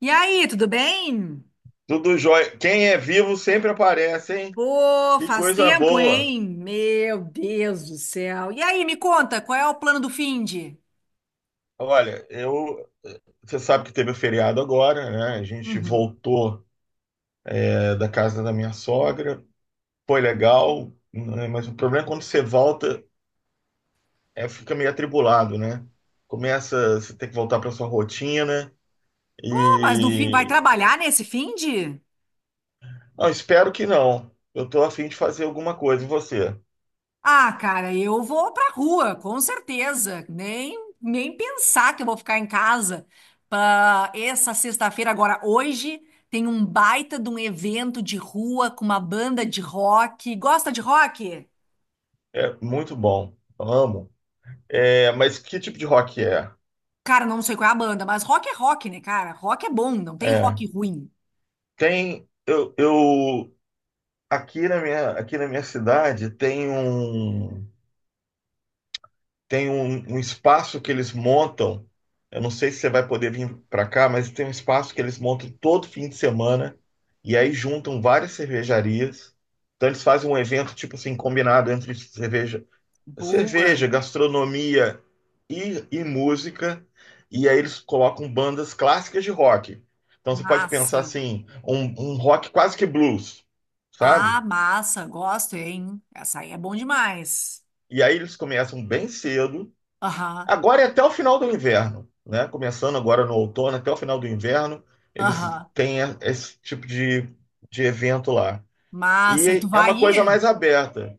E aí, tudo bem? Tudo jóia. Quem é vivo sempre aparece, hein? Pô, Que faz coisa tempo, boa. hein? Meu Deus do céu. E aí, me conta, qual é o plano do finde? Olha, você sabe que teve o feriado agora, né? A gente Uhum. voltou da casa da minha sogra, foi legal, né? Mas o problema é quando você volta fica meio atribulado, né? Começa, você tem que voltar para sua rotina Pô, mas no fim, vai e trabalhar nesse finde? não, espero que não. Eu tô a fim de fazer alguma coisa e você. Ah, cara, eu vou pra rua, com certeza. Nem pensar que eu vou ficar em casa. Pra essa sexta-feira, agora, hoje, tem um baita de um evento de rua com uma banda de rock. Gosta de rock? É muito bom. Amo. É, mas que tipo de rock é? Cara, não sei qual é a banda, mas rock é rock, né, cara? Rock é bom, não tem É, rock ruim. Tem, eu aqui na minha cidade tem tem um espaço que eles montam. Eu não sei se você vai poder vir para cá, mas tem um espaço que eles montam todo fim de semana e aí juntam várias cervejarias. Então eles fazem um evento tipo assim combinado entre cerveja, Boa, gastronomia e música. E aí eles colocam bandas clássicas de rock. Então você pode pensar massa. assim, um rock quase que blues, Ah, sabe? massa, gosto, hein? Essa aí é bom demais. E aí eles começam bem cedo. Aham, Agora é até o final do inverno, né? Começando agora no outono, até o final do inverno, eles aham. têm esse tipo de evento lá. Massa, e tu E é vai uma coisa ir? mais aberta.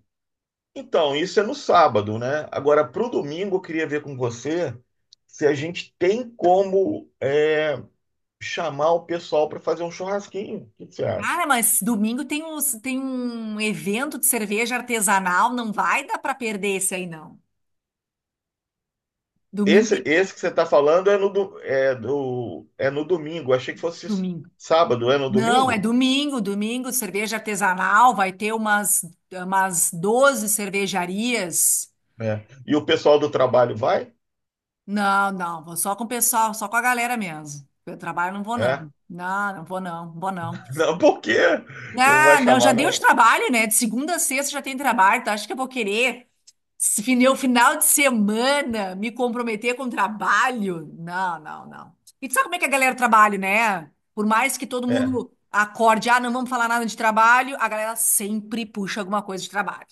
Então, isso é no sábado, né? Agora, para o domingo, eu queria ver com você se a gente tem chamar o pessoal para fazer um churrasquinho. O que você acha? Cara, mas domingo tem um evento de cerveja artesanal, não vai dar pra perder esse aí, não. Domingo, Esse, tem- esse que você está falando é no, do, é no domingo. Achei que fosse domingo. sábado, é no Não, é domingo? domingo, domingo, cerveja artesanal, vai ter umas, umas 12 cervejarias. É. E o pessoal do trabalho vai? Não, não, vou só com o pessoal, só com a galera mesmo. Eu trabalho, não vou É. não. Não, não vou não, vou não. Não, por quê? Não vai Ah, não, já chamar, deu de não. trabalho, né? De segunda a sexta já tem trabalho. Tá, acho que eu vou querer se fine- o final de semana me comprometer com trabalho? Não, não, não. E tu sabe como é que a galera trabalha, né? Por mais que todo É. mundo acorde, ah, não vamos falar nada de trabalho, a galera sempre puxa alguma coisa de trabalho.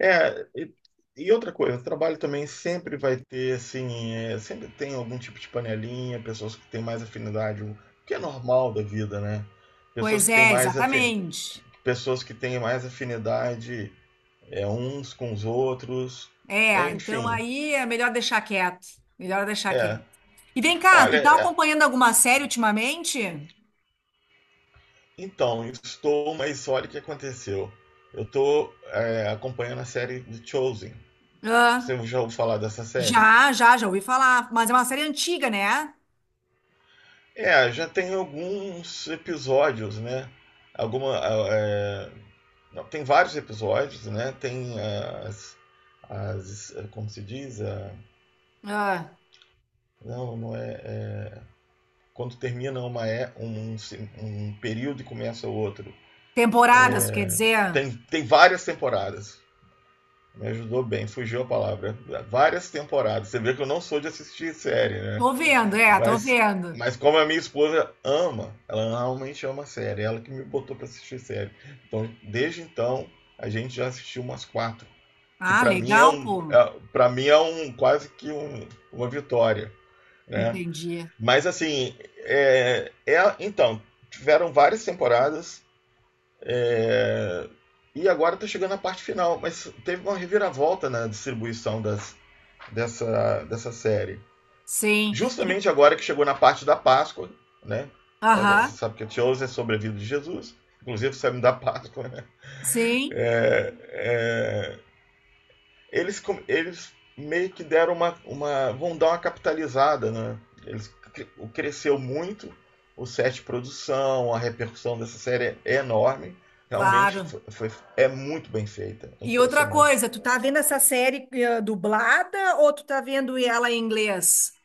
É, e, e outra coisa, o trabalho também sempre vai ter, assim, é, sempre tem algum tipo de panelinha, pessoas que têm mais afinidade, o que é normal da vida, né? Pessoas Pois que têm é, mais exatamente. pessoas que têm mais afinidade é, uns com os outros, é, É, então enfim, aí é melhor deixar quieto. Melhor deixar é. quieto. E vem cá, Olha, tu tá é, acompanhando alguma série ultimamente? então, estou, mas olha o que aconteceu. Eu estou acompanhando a série The Chosen. Você Ah, já ouviu falar dessa série? já ouvi falar. Mas é uma série antiga, né? É, já tem alguns episódios, né? Alguma, ah, é, não, tem vários episódios, né? Tem as, as é, como se diz, a, Ah, não, não é é, quando termina uma é um período e começa outro. temporadas, quer dizer? Tem várias temporadas. Me ajudou bem, fugiu a palavra. Várias temporadas. Você vê que eu não sou de assistir série, né? Tô vendo, é, tô Mas, vendo. mas como a minha esposa ama, ela realmente ama a série, ela que me botou pra assistir série. Então, desde então, a gente já assistiu umas quatro, que Ah, pra mim é legal, pô. Para mim é um quase que uma vitória, né? Entendi. Mas assim, então tiveram várias temporadas é, e agora tá chegando a parte final, mas teve uma reviravolta na distribuição dessa série Sim. E vem- justamente agora que chegou na parte da Páscoa, né? Ah, você aham, sabe que a Teose é sobre a vida de Jesus, inclusive sabe da Páscoa, né? sim, É, é, eles meio que deram uma, uma. Vão dar uma capitalizada, né? Eles, cresceu muito o set de produção, a repercussão dessa série é enorme. Realmente claro. Foi, é muito bem feita, é E outra impressionante. coisa, tu, tá vendo essa série dublada ou tu tá vendo ela em inglês?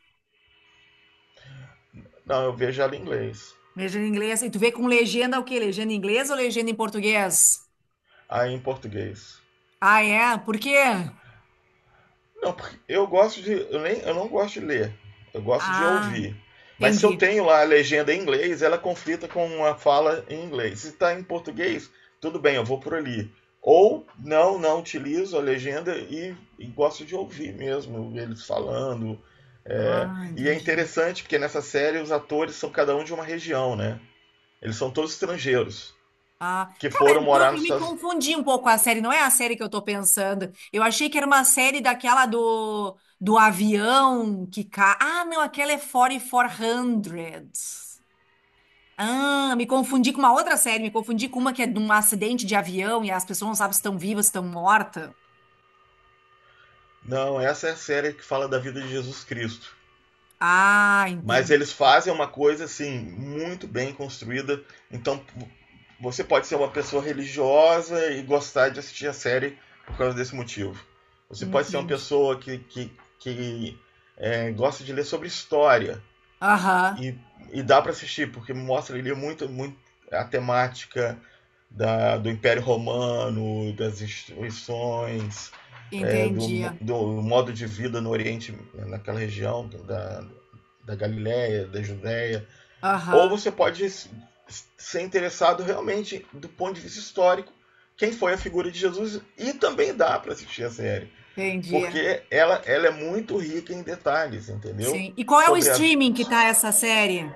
Não, eu vejo ela em inglês, Legenda em inglês. E tu vê com legenda o quê? Legenda em inglês ou legenda em português? aí em português. Ah, é? Por quê? Não, porque eu gosto de. Eu não gosto de ler. Eu gosto de Ah, ouvir. Mas se eu entendi. tenho lá a legenda em inglês, ela é conflita com uma fala em inglês. Se está em português, tudo bem, eu vou por ali. Ou não, não utilizo a legenda e gosto de ouvir mesmo eles falando. É, Ah, e é entendi. interessante porque nessa série os atores são cada um de uma região, né? Eles são todos estrangeiros Ah, que cara, foram então morar eu nos me Estados Unidos. confundi um pouco com a série. Não é a série que eu tô pensando. Eu achei que era uma série daquela do avião que cai. Ah, não, aquela é 4400. Ah, me confundi com uma outra série. Me confundi com uma que é de um acidente de avião e as pessoas não sabem se estão vivas, se estão mortas. Não, essa é a série que fala da vida de Jesus Cristo. Ah, Mas entendi. eles fazem uma coisa assim muito bem construída. Então você pode ser uma pessoa religiosa e gostar de assistir a série por causa desse motivo. Você pode ser uma Entendi. pessoa que é, gosta de ler sobre história Aham, e, e dá para assistir porque mostra ali muito a temática do Império Romano, das instituições, é, entendi. do, modo de vida no Oriente, naquela região da Galiléia, da Judéia. Ou Aham, você pode ser interessado realmente do ponto de vista histórico quem foi a figura de Jesus e também dá para assistir a série entendi. porque ela é muito rica em detalhes, entendeu? Sim. E qual é o Sobre a streaming que tá essa série?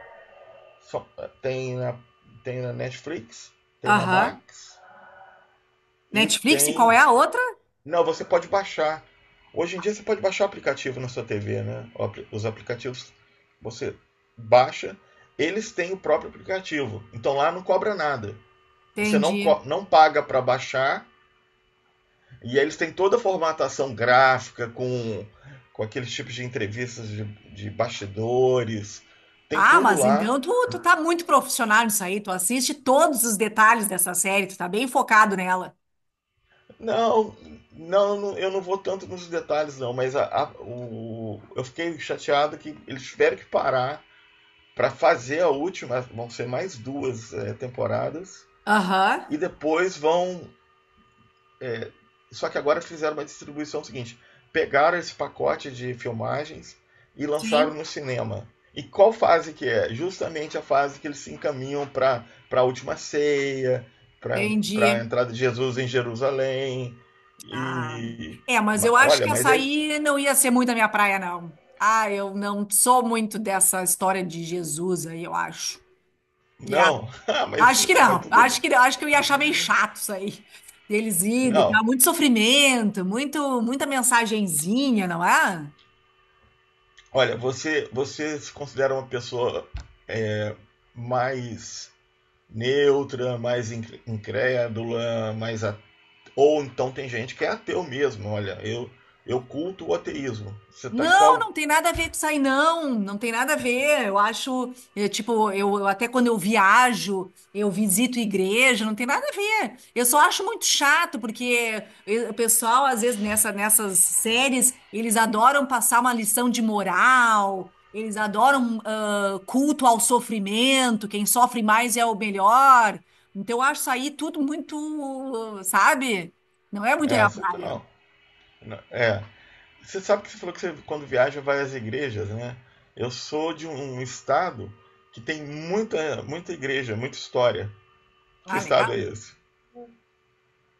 tem tem na Netflix, tem na Aham. Max e Netflix e qual é tem. a outra? Não, você pode baixar. Hoje em dia você pode baixar o aplicativo na sua TV, né? Os aplicativos você baixa, eles têm o próprio aplicativo. Então lá não cobra nada. Você Entendi. Não paga para baixar e aí eles têm toda a formatação gráfica com aqueles tipos de entrevistas de bastidores. Tem Ah, tudo mas lá. então tu tá muito profissional nisso aí. Tu assiste todos os detalhes dessa série. Tu tá bem focado nela. Não, não, eu não vou tanto nos detalhes não, mas eu fiquei chateado que eles tiveram que parar para fazer a última, vão ser mais duas é, temporadas. Aham. E depois vão. Só que agora fizeram uma distribuição seguinte: pegaram esse pacote de filmagens e lançaram Sim. no cinema. E qual fase que é? Justamente a fase que eles se encaminham para a última ceia, para a Entendi. entrada de Jesus em Jerusalém. Ah. E É, mas eu acho olha, que mas essa ele aí não ia ser muito a minha praia, não. Ah, eu não sou muito dessa história de Jesus aí, eu acho. não, Acho que mas não. tudo Acho que eu ia achar meio chato isso aí. Deles indo e não. tal. Muito sofrimento, muito, muita mensagenzinha, não é? Olha, você se considera uma pessoa é, mais neutra, mais incrédula, mais ou então tem gente que é ateu mesmo. Olha, eu culto o ateísmo. Você tá Não, qual? não tem nada a ver com isso aí, não. Não tem nada a ver. Eu acho, tipo, eu até quando eu viajo, eu visito igreja, não tem nada a ver. Eu só acho muito chato, porque o pessoal, às vezes, nessas séries, eles adoram passar uma lição de moral, eles adoram, ah, culto ao sofrimento, quem sofre mais é o melhor. Então, eu acho isso aí tudo muito, sabe? Não é muito a É, minha você tá praia. não. Não, é, você sabe que você falou que você quando viaja vai às igrejas, né? Eu sou de um estado que tem muita igreja, muita história. Que Ah, legal. estado é esse?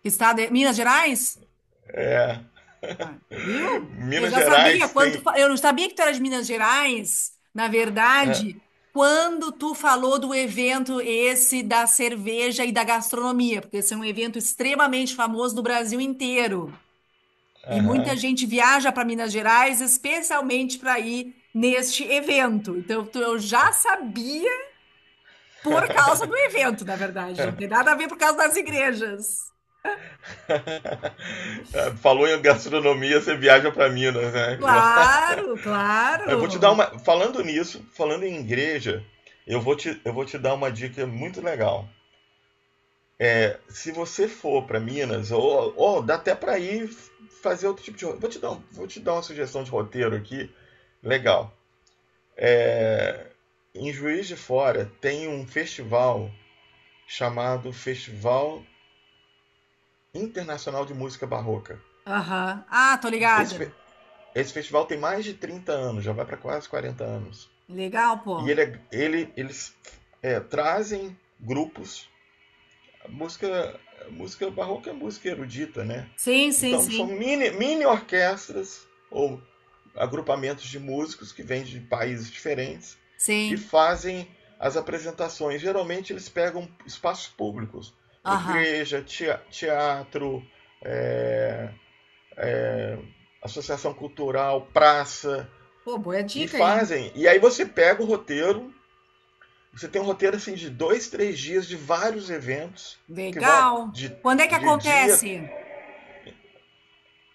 Estado é Minas Gerais? É, Ah, viu? Eu Minas já sabia Gerais quanto. tem. Eu não sabia que tu era de Minas Gerais. Na É, verdade, quando tu falou do evento esse da cerveja e da gastronomia, porque esse é um evento extremamente famoso no Brasil inteiro. E muita aham. gente viaja para Minas Gerais especialmente para ir neste evento. Então, tu- eu já sabia por causa do evento, na verdade. Não tem nada a ver por causa das igrejas. Falou em gastronomia, você viaja para Minas, né? Claro, Eu vou te dar claro. uma. Falando nisso, falando em igreja, eu vou te dar uma dica muito legal. Se você for para Minas, ou dá até para ir fazer outro tipo de. Vou te vou te dar uma sugestão de roteiro aqui. Legal. É, em Juiz de Fora tem um festival chamado Festival Internacional de Música Barroca. Aham. Ah, tô Esse, ligada. Esse festival tem mais de 30 anos, já vai para quase 40 anos. Legal, E pô. Eles é, trazem grupos. A música, a música barroca é música erudita, né? Sim, sim, Então são sim. Mini orquestras ou agrupamentos de músicos que vêm de países diferentes e Sim. fazem as apresentações. Geralmente eles pegam espaços públicos, Aham. igreja, teatro, é, associação cultural, praça. Pô, boa E dica, hein? fazem. E aí você pega o roteiro, você tem um roteiro assim de dois, 3 dias de vários eventos que vão Legal. Quando é que de dia. acontece?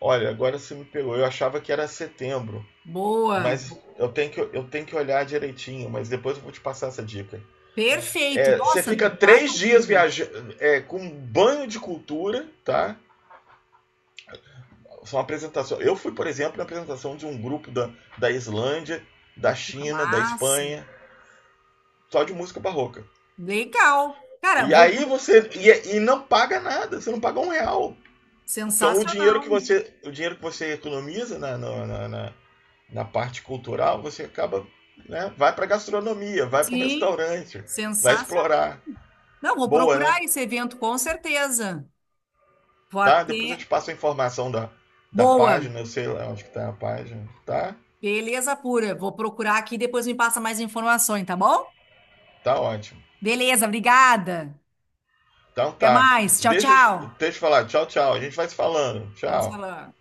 Olha, agora você me pegou. Eu achava que era setembro, Boa. mas eu tenho que olhar direitinho. Mas depois eu vou te passar essa dica. Perfeito. É, você Nossa, fica baita 3 dias dica. viajando é, com um banho de cultura, tá? São apresentações. Eu fui, por exemplo, na apresentação de um grupo da Islândia, da Porra, China, da massa. Espanha, só de música barroca. Legal. Cara, E vou. aí Pro- você. E não paga nada, você não paga um real. Então o dinheiro sensacional. O dinheiro que você economiza na parte cultural, você acaba. Né, vai para gastronomia, vai para um Sim, restaurante, vai sensacional. explorar. Não, vou Boa, né? procurar esse evento com certeza. Vou Tá? Depois eu até. te passo a informação da Boa. página, eu sei lá onde que tá a página. Tá? Beleza pura. Vou procurar aqui e depois me passa mais informações, tá bom? Tá ótimo. Beleza, obrigada. Então Até tá. mais. Tchau, Deixa, tchau. deixa eu falar. Tchau, tchau. A gente vai se falando. Vamos Tchau. falar.